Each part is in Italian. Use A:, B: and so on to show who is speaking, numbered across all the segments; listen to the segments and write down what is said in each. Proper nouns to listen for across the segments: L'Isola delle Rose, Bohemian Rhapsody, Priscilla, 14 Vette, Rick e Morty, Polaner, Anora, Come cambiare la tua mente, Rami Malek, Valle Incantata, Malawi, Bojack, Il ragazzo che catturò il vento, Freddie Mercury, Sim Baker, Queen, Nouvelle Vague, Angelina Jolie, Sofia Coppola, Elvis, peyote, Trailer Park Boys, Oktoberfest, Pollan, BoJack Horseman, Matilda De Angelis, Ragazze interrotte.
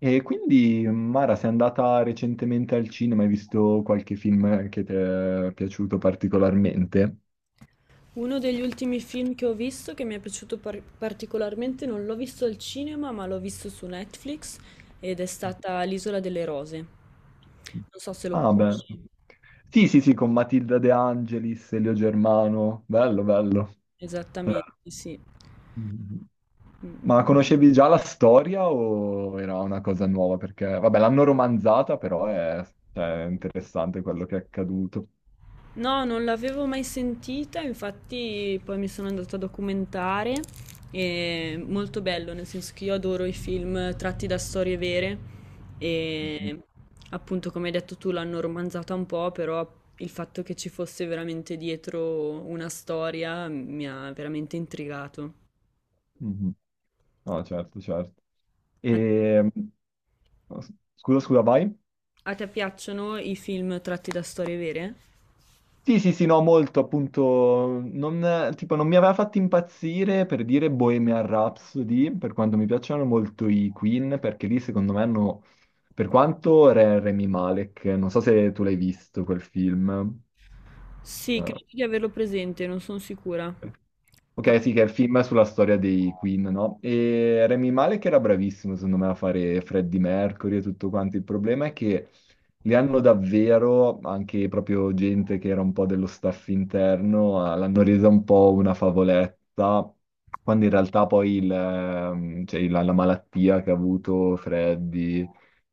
A: E quindi, Mara, sei andata recentemente al cinema, hai visto qualche film che ti è piaciuto particolarmente?
B: Uno degli ultimi film che ho visto, che mi è piaciuto particolarmente, non l'ho visto al cinema, ma l'ho visto su Netflix ed è stata L'Isola delle Rose. Non so se lo
A: Ah, beh.
B: conosci.
A: Sì, sì, sì, con Matilda De Angelis, Elio Germano. Bello, bello. Eh,
B: Esattamente, sì.
A: mm.
B: Mm.
A: Ma conoscevi già la storia o era una cosa nuova? Perché, vabbè, l'hanno romanzata, però è interessante quello che è accaduto.
B: No, non l'avevo mai sentita, infatti poi mi sono andata a documentare. È molto bello, nel senso che io adoro i film tratti da storie vere
A: Mhm.
B: e appunto, come hai detto tu, l'hanno romanzata un po', però il fatto che ci fosse veramente dietro una storia mi ha veramente intrigato.
A: Mhm. No, certo, certo.
B: A
A: E... Scusa, scusa, vai.
B: a te piacciono i film tratti da storie vere?
A: Sì, sì, sì, no, molto, appunto, non, tipo, non mi aveva fatto impazzire per dire Bohemian Rhapsody, per quanto mi piacciono molto i Queen, perché lì secondo me hanno, per quanto Rami Malek, non so se tu l'hai visto quel film.
B: Sì,
A: eh,
B: credo di averlo presente, non sono sicura.
A: Ok, sì, che è il film sulla storia dei Queen, no? E Rami Malek era bravissimo, secondo me, a fare Freddie Mercury e tutto quanto. Il problema è che li hanno davvero, anche proprio gente che era un po' dello staff interno, l'hanno resa un po' una favoletta, quando in realtà poi la malattia che ha avuto Freddie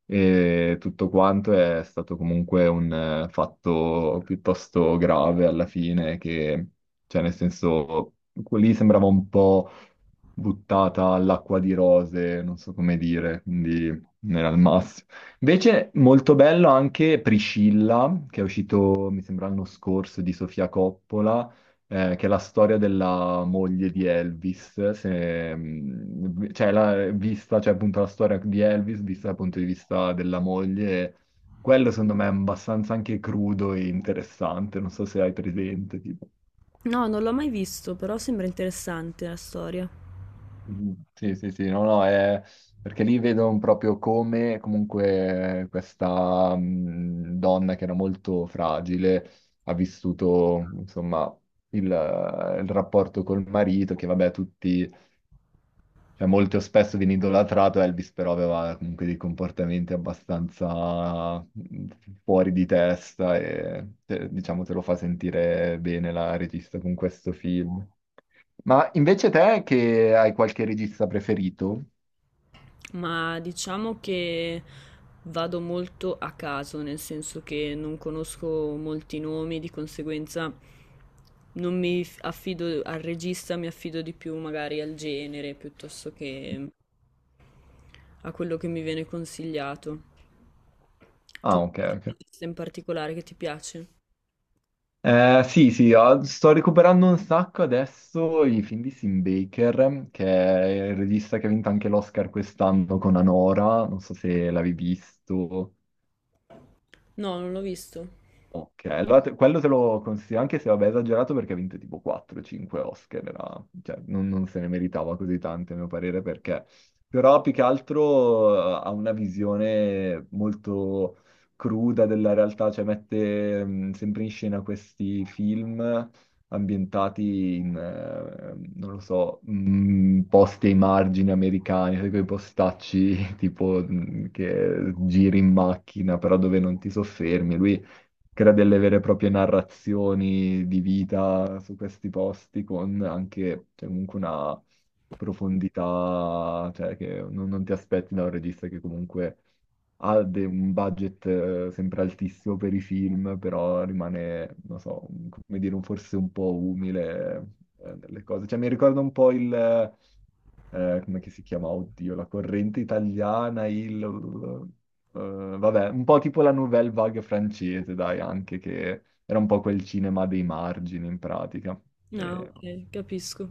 A: e tutto quanto è stato comunque un fatto piuttosto grave alla fine, che cioè, nel senso, lì sembrava un po' buttata all'acqua di rose, non so come dire, quindi non era il massimo. Invece, molto bello anche Priscilla, che è uscito, mi sembra, l'anno scorso di Sofia Coppola, che è la storia della moglie di Elvis, cioè, appunto, la storia di Elvis vista dal punto di vista della moglie. Quello secondo me è abbastanza anche crudo e interessante, non so se hai presente, tipo.
B: No, non l'ho mai visto, però sembra interessante la storia.
A: Mm, sì, sì, sì, no, no, è perché lì vedo proprio come comunque questa donna che era molto fragile ha vissuto, insomma, il rapporto col marito, che vabbè, tutti, molto spesso viene idolatrato, Elvis però aveva comunque dei comportamenti abbastanza fuori di testa e diciamo te lo fa sentire bene la regista con questo film. Ma invece te che hai qualche regista preferito?
B: Ma diciamo che vado molto a caso, nel senso che non conosco molti nomi, di conseguenza non affido al regista, mi affido di più magari al genere piuttosto che a quello che mi viene consigliato. Tu
A: Ah,
B: hai
A: ok,
B: un
A: ok.
B: regista in particolare che ti piace?
A: Sì, sì, sto recuperando un sacco adesso i film di Sim Baker, che è il regista che ha vinto anche l'Oscar quest'anno con Anora, non so se l'avevi visto.
B: No, non l'ho visto.
A: Ok, allora quello te lo consiglio, anche se vabbè è esagerato perché ha vinto tipo 4-5 Oscar, non se ne meritava così tante a mio parere perché, però più che altro ha una visione molto cruda della realtà, cioè mette sempre in scena questi film ambientati in, non lo so, posti ai margini americani, sai, quei postacci tipo che giri in macchina però dove non ti soffermi. Lui crea delle vere e proprie narrazioni di vita su questi posti con anche, cioè, comunque una profondità, cioè, che non ti aspetti da un regista che comunque ha un budget sempre altissimo per i film, però rimane, non so, come dire, forse un po' umile nelle cose. Cioè, mi ricorda un po' il come che si chiama? Oddio, la corrente italiana, il... eh, vabbè, un po' tipo la Nouvelle Vague francese, dai, anche che era un po' quel cinema dei margini in pratica.
B: Ah,
A: E-
B: ok, capisco.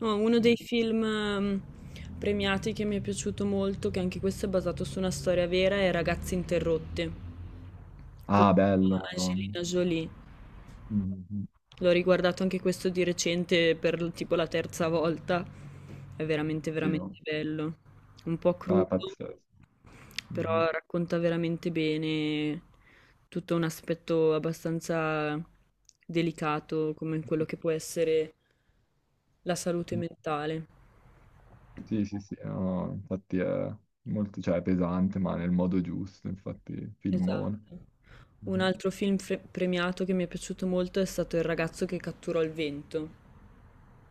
B: No, uno dei film premiati che mi è piaciuto molto, che anche questo è basato su una storia vera, è Ragazze interrotte con
A: Ah, bello, Madonna.
B: Angelina Jolie.
A: Mhm.
B: L'ho riguardato anche questo di recente per tipo la terza volta. È veramente,
A: Sì, no.
B: veramente bello. Un po'
A: Ah, è
B: crudo,
A: pazzesco. Mhm.
B: però racconta veramente bene tutto un aspetto abbastanza delicato come quello che può essere la salute mentale.
A: Sì, sì, sì, no, infatti è molto, cioè, è pesante, ma nel modo giusto, infatti,
B: Esatto.
A: filmone.
B: Un
A: Mhm.
B: altro film premiato che mi è piaciuto molto è stato Il ragazzo che catturò il vento.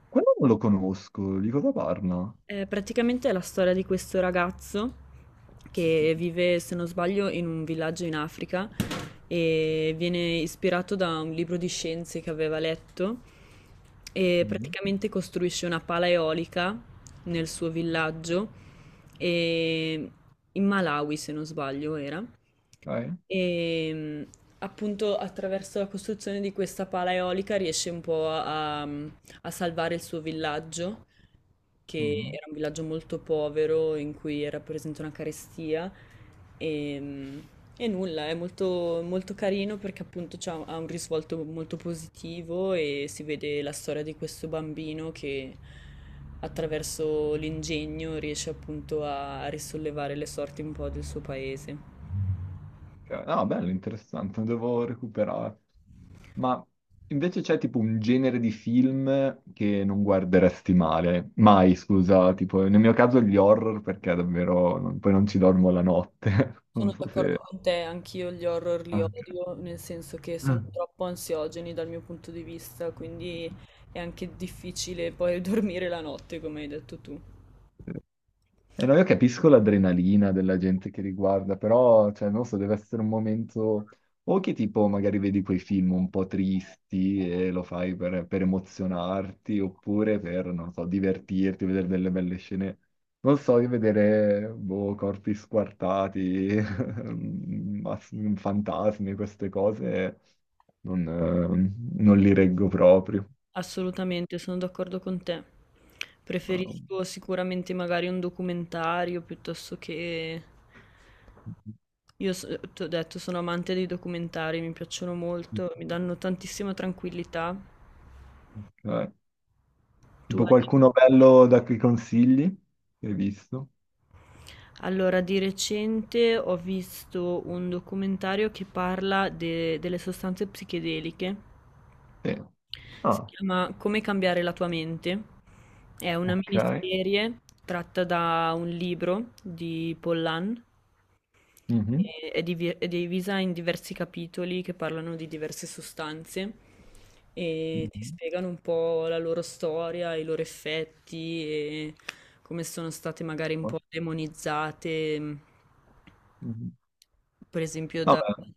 A: Quello non lo conosco, di cosa parla?
B: Praticamente è la storia di questo ragazzo che vive, se non sbaglio, in un villaggio in Africa e viene ispirato da un libro di scienze che aveva letto e
A: Mhm.
B: praticamente costruisce una pala eolica nel suo villaggio e in Malawi, se non sbaglio, era.
A: Dai.
B: E appunto, attraverso la costruzione di questa pala eolica riesce un po' a, a salvare il suo villaggio, che
A: Mhm.
B: era un villaggio molto povero in cui era presente una carestia e, e nulla, è molto, molto carino perché appunto ha un risvolto molto positivo e si vede la storia di questo bambino che attraverso l'ingegno riesce appunto a risollevare le sorti un po' del suo paese.
A: Ok, no, bello, interessante, lo devo recuperare. Ma invece c'è tipo un genere di film che non guarderesti male, mai, scusa, tipo nel mio caso gli horror perché davvero poi non ci dormo la notte.
B: Sono
A: Non so
B: d'accordo
A: se...
B: con te, anch'io gli horror
A: Ah,
B: li
A: ok.
B: odio, nel senso che sono
A: Mm.
B: troppo ansiogeni dal mio punto di vista, quindi è anche difficile poi dormire la notte, come hai detto tu.
A: E no, io capisco l'adrenalina della gente che riguarda, però, cioè, non so, deve essere un momento... O che tipo magari vedi quei film un po' tristi e lo fai per emozionarti, oppure per, non so, divertirti, vedere delle belle scene. Non so, di vedere, boh, corpi squartati, mass- fantasmi, queste cose, non li reggo proprio.
B: Assolutamente, sono d'accordo con te. Preferisco sicuramente magari un documentario piuttosto che... Io so- Ti ho detto, sono amante dei documentari, mi piacciono molto, mi danno tantissima tranquillità.
A: Eh,
B: Tu
A: Tipo
B: hai...
A: qualcuno bello da cui consigli? Che hai visto?
B: Allora, di recente ho visto un documentario che parla delle sostanze psichedeliche.
A: Sì.
B: Si
A: Ah,
B: chiama Come cambiare la tua mente. È una
A: ok.
B: miniserie tratta da un libro di Pollan
A: Mhm.
B: è divisa in diversi capitoli che parlano di diverse sostanze e ti
A: Mhm.
B: spiegano un po' la loro storia, i loro effetti e come sono state magari un
A: Oh,
B: po' demonizzate,
A: mhm.
B: per esempio
A: No, beh,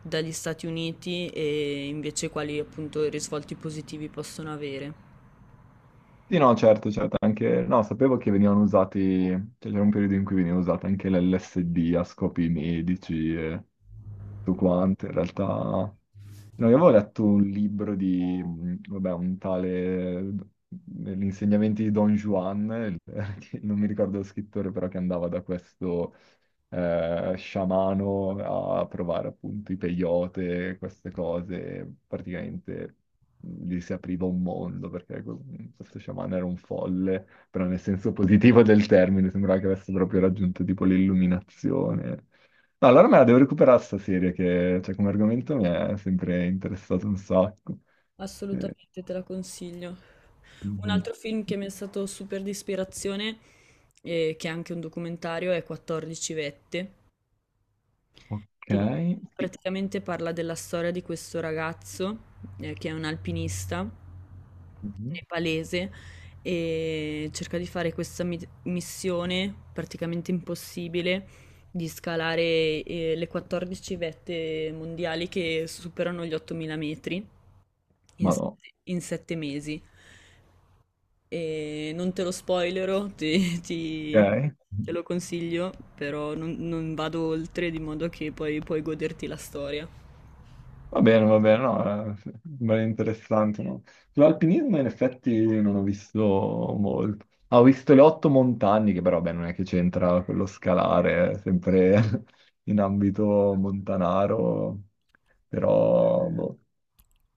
B: dagli Stati Uniti, e invece quali appunto risvolti positivi possono avere.
A: sì, no, certo, certo. Anche, no, sapevo che venivano usati, cioè c'era un periodo in cui veniva usata anche l'LSD a scopi medici e tutto quanto. In realtà, no, io avevo letto un libro di, vabbè, un tale, gli insegnamenti di Don Juan, che non mi ricordo lo scrittore, però che andava da questo sciamano a provare appunto i peyote, queste cose, praticamente gli si apriva un mondo perché questo sciamano era un folle, però nel senso positivo del termine, sembrava che avesse proprio raggiunto tipo l'illuminazione. No, allora me la devo recuperare sta serie che cioè, come argomento mi è sempre interessato un sacco. Eh,
B: Assolutamente te la consiglio. Un altro
A: mhm.
B: film che mi è stato super di ispirazione, e che è anche un documentario, è 14 Vette,
A: Ok.
B: che
A: Sì.
B: praticamente parla della storia di questo ragazzo, che è un alpinista
A: Mhm.
B: nepalese, e cerca di fare questa mit missione praticamente impossibile di scalare, le 14 vette mondiali che superano gli 8000 metri in
A: Ma
B: s
A: no.
B: in 7 mesi. Non te lo spoilerò, ti ti
A: Ok.
B: te lo consiglio, però non vado oltre, di modo che poi puoi goderti la storia.
A: Va bene, no, sembra interessante, no? Sull'alpinismo in effetti non ho visto molto. Ah, ho visto Le otto montagne, che però, beh, non è che c'entra quello scalare, è sempre in ambito montanaro, però, boh.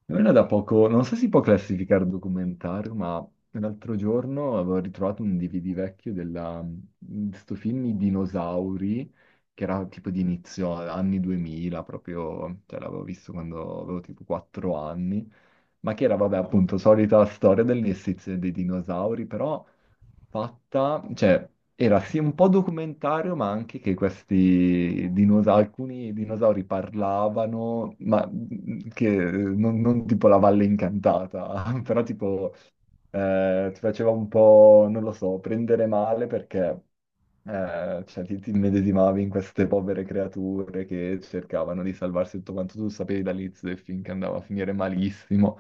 A: Ora da poco, non so se si può classificare documentario, ma l'altro giorno avevo ritrovato un DVD vecchio di sto film I dinosauri, che era tipo di inizio anni 2000, proprio, cioè l'avevo visto quando avevo tipo 4 anni, ma che era, vabbè, appunto, solita storia dell'esistenza dei dinosauri, però fatta, cioè era sì un po' documentario, ma anche che questi dinosauri, alcuni dinosauri parlavano, ma che non tipo La valle incantata, però tipo ti faceva un po', non lo so, prendere male perché cioè, ti immedesimavi in queste povere creature che cercavano di salvarsi, tutto quanto tu sapevi dall'inizio del film che andava a finire malissimo.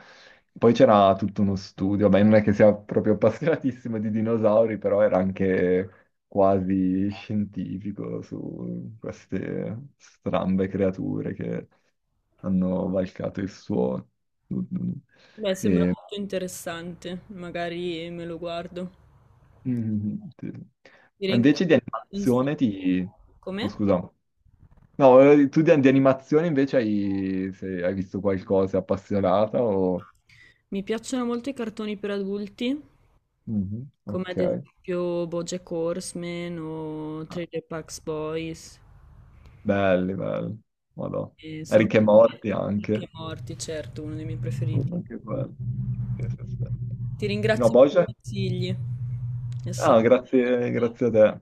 A: Poi c'era tutto uno studio, beh, non è che sia proprio appassionatissimo di dinosauri, però era anche quasi scientifico su queste strambe creature che hanno valcato il suo...
B: Beh, sembra
A: E...
B: molto interessante, magari me lo guardo.
A: Mm, sì.
B: Ti
A: Ma invece di
B: ringrazio.
A: animazione ti... Oh,
B: Come?
A: scusa. No, tu di animazione invece hai, se hai visto qualcosa appassionata o...
B: Mi piacciono molto i cartoni per adulti,
A: Mhm,
B: come
A: ok.
B: ad esempio BoJack Horseman o
A: Ah,
B: Trailer Park Boys.
A: belli, belli. Madò.
B: E sono
A: Rick e Morty
B: tutti e
A: anche.
B: morti, certo, uno dei miei preferiti.
A: Oh, che bello. Sì, sì, sì.
B: Ti
A: No,
B: ringrazio per i
A: Bojack?
B: consigli. È stato
A: Ah, grazie, grazie a te.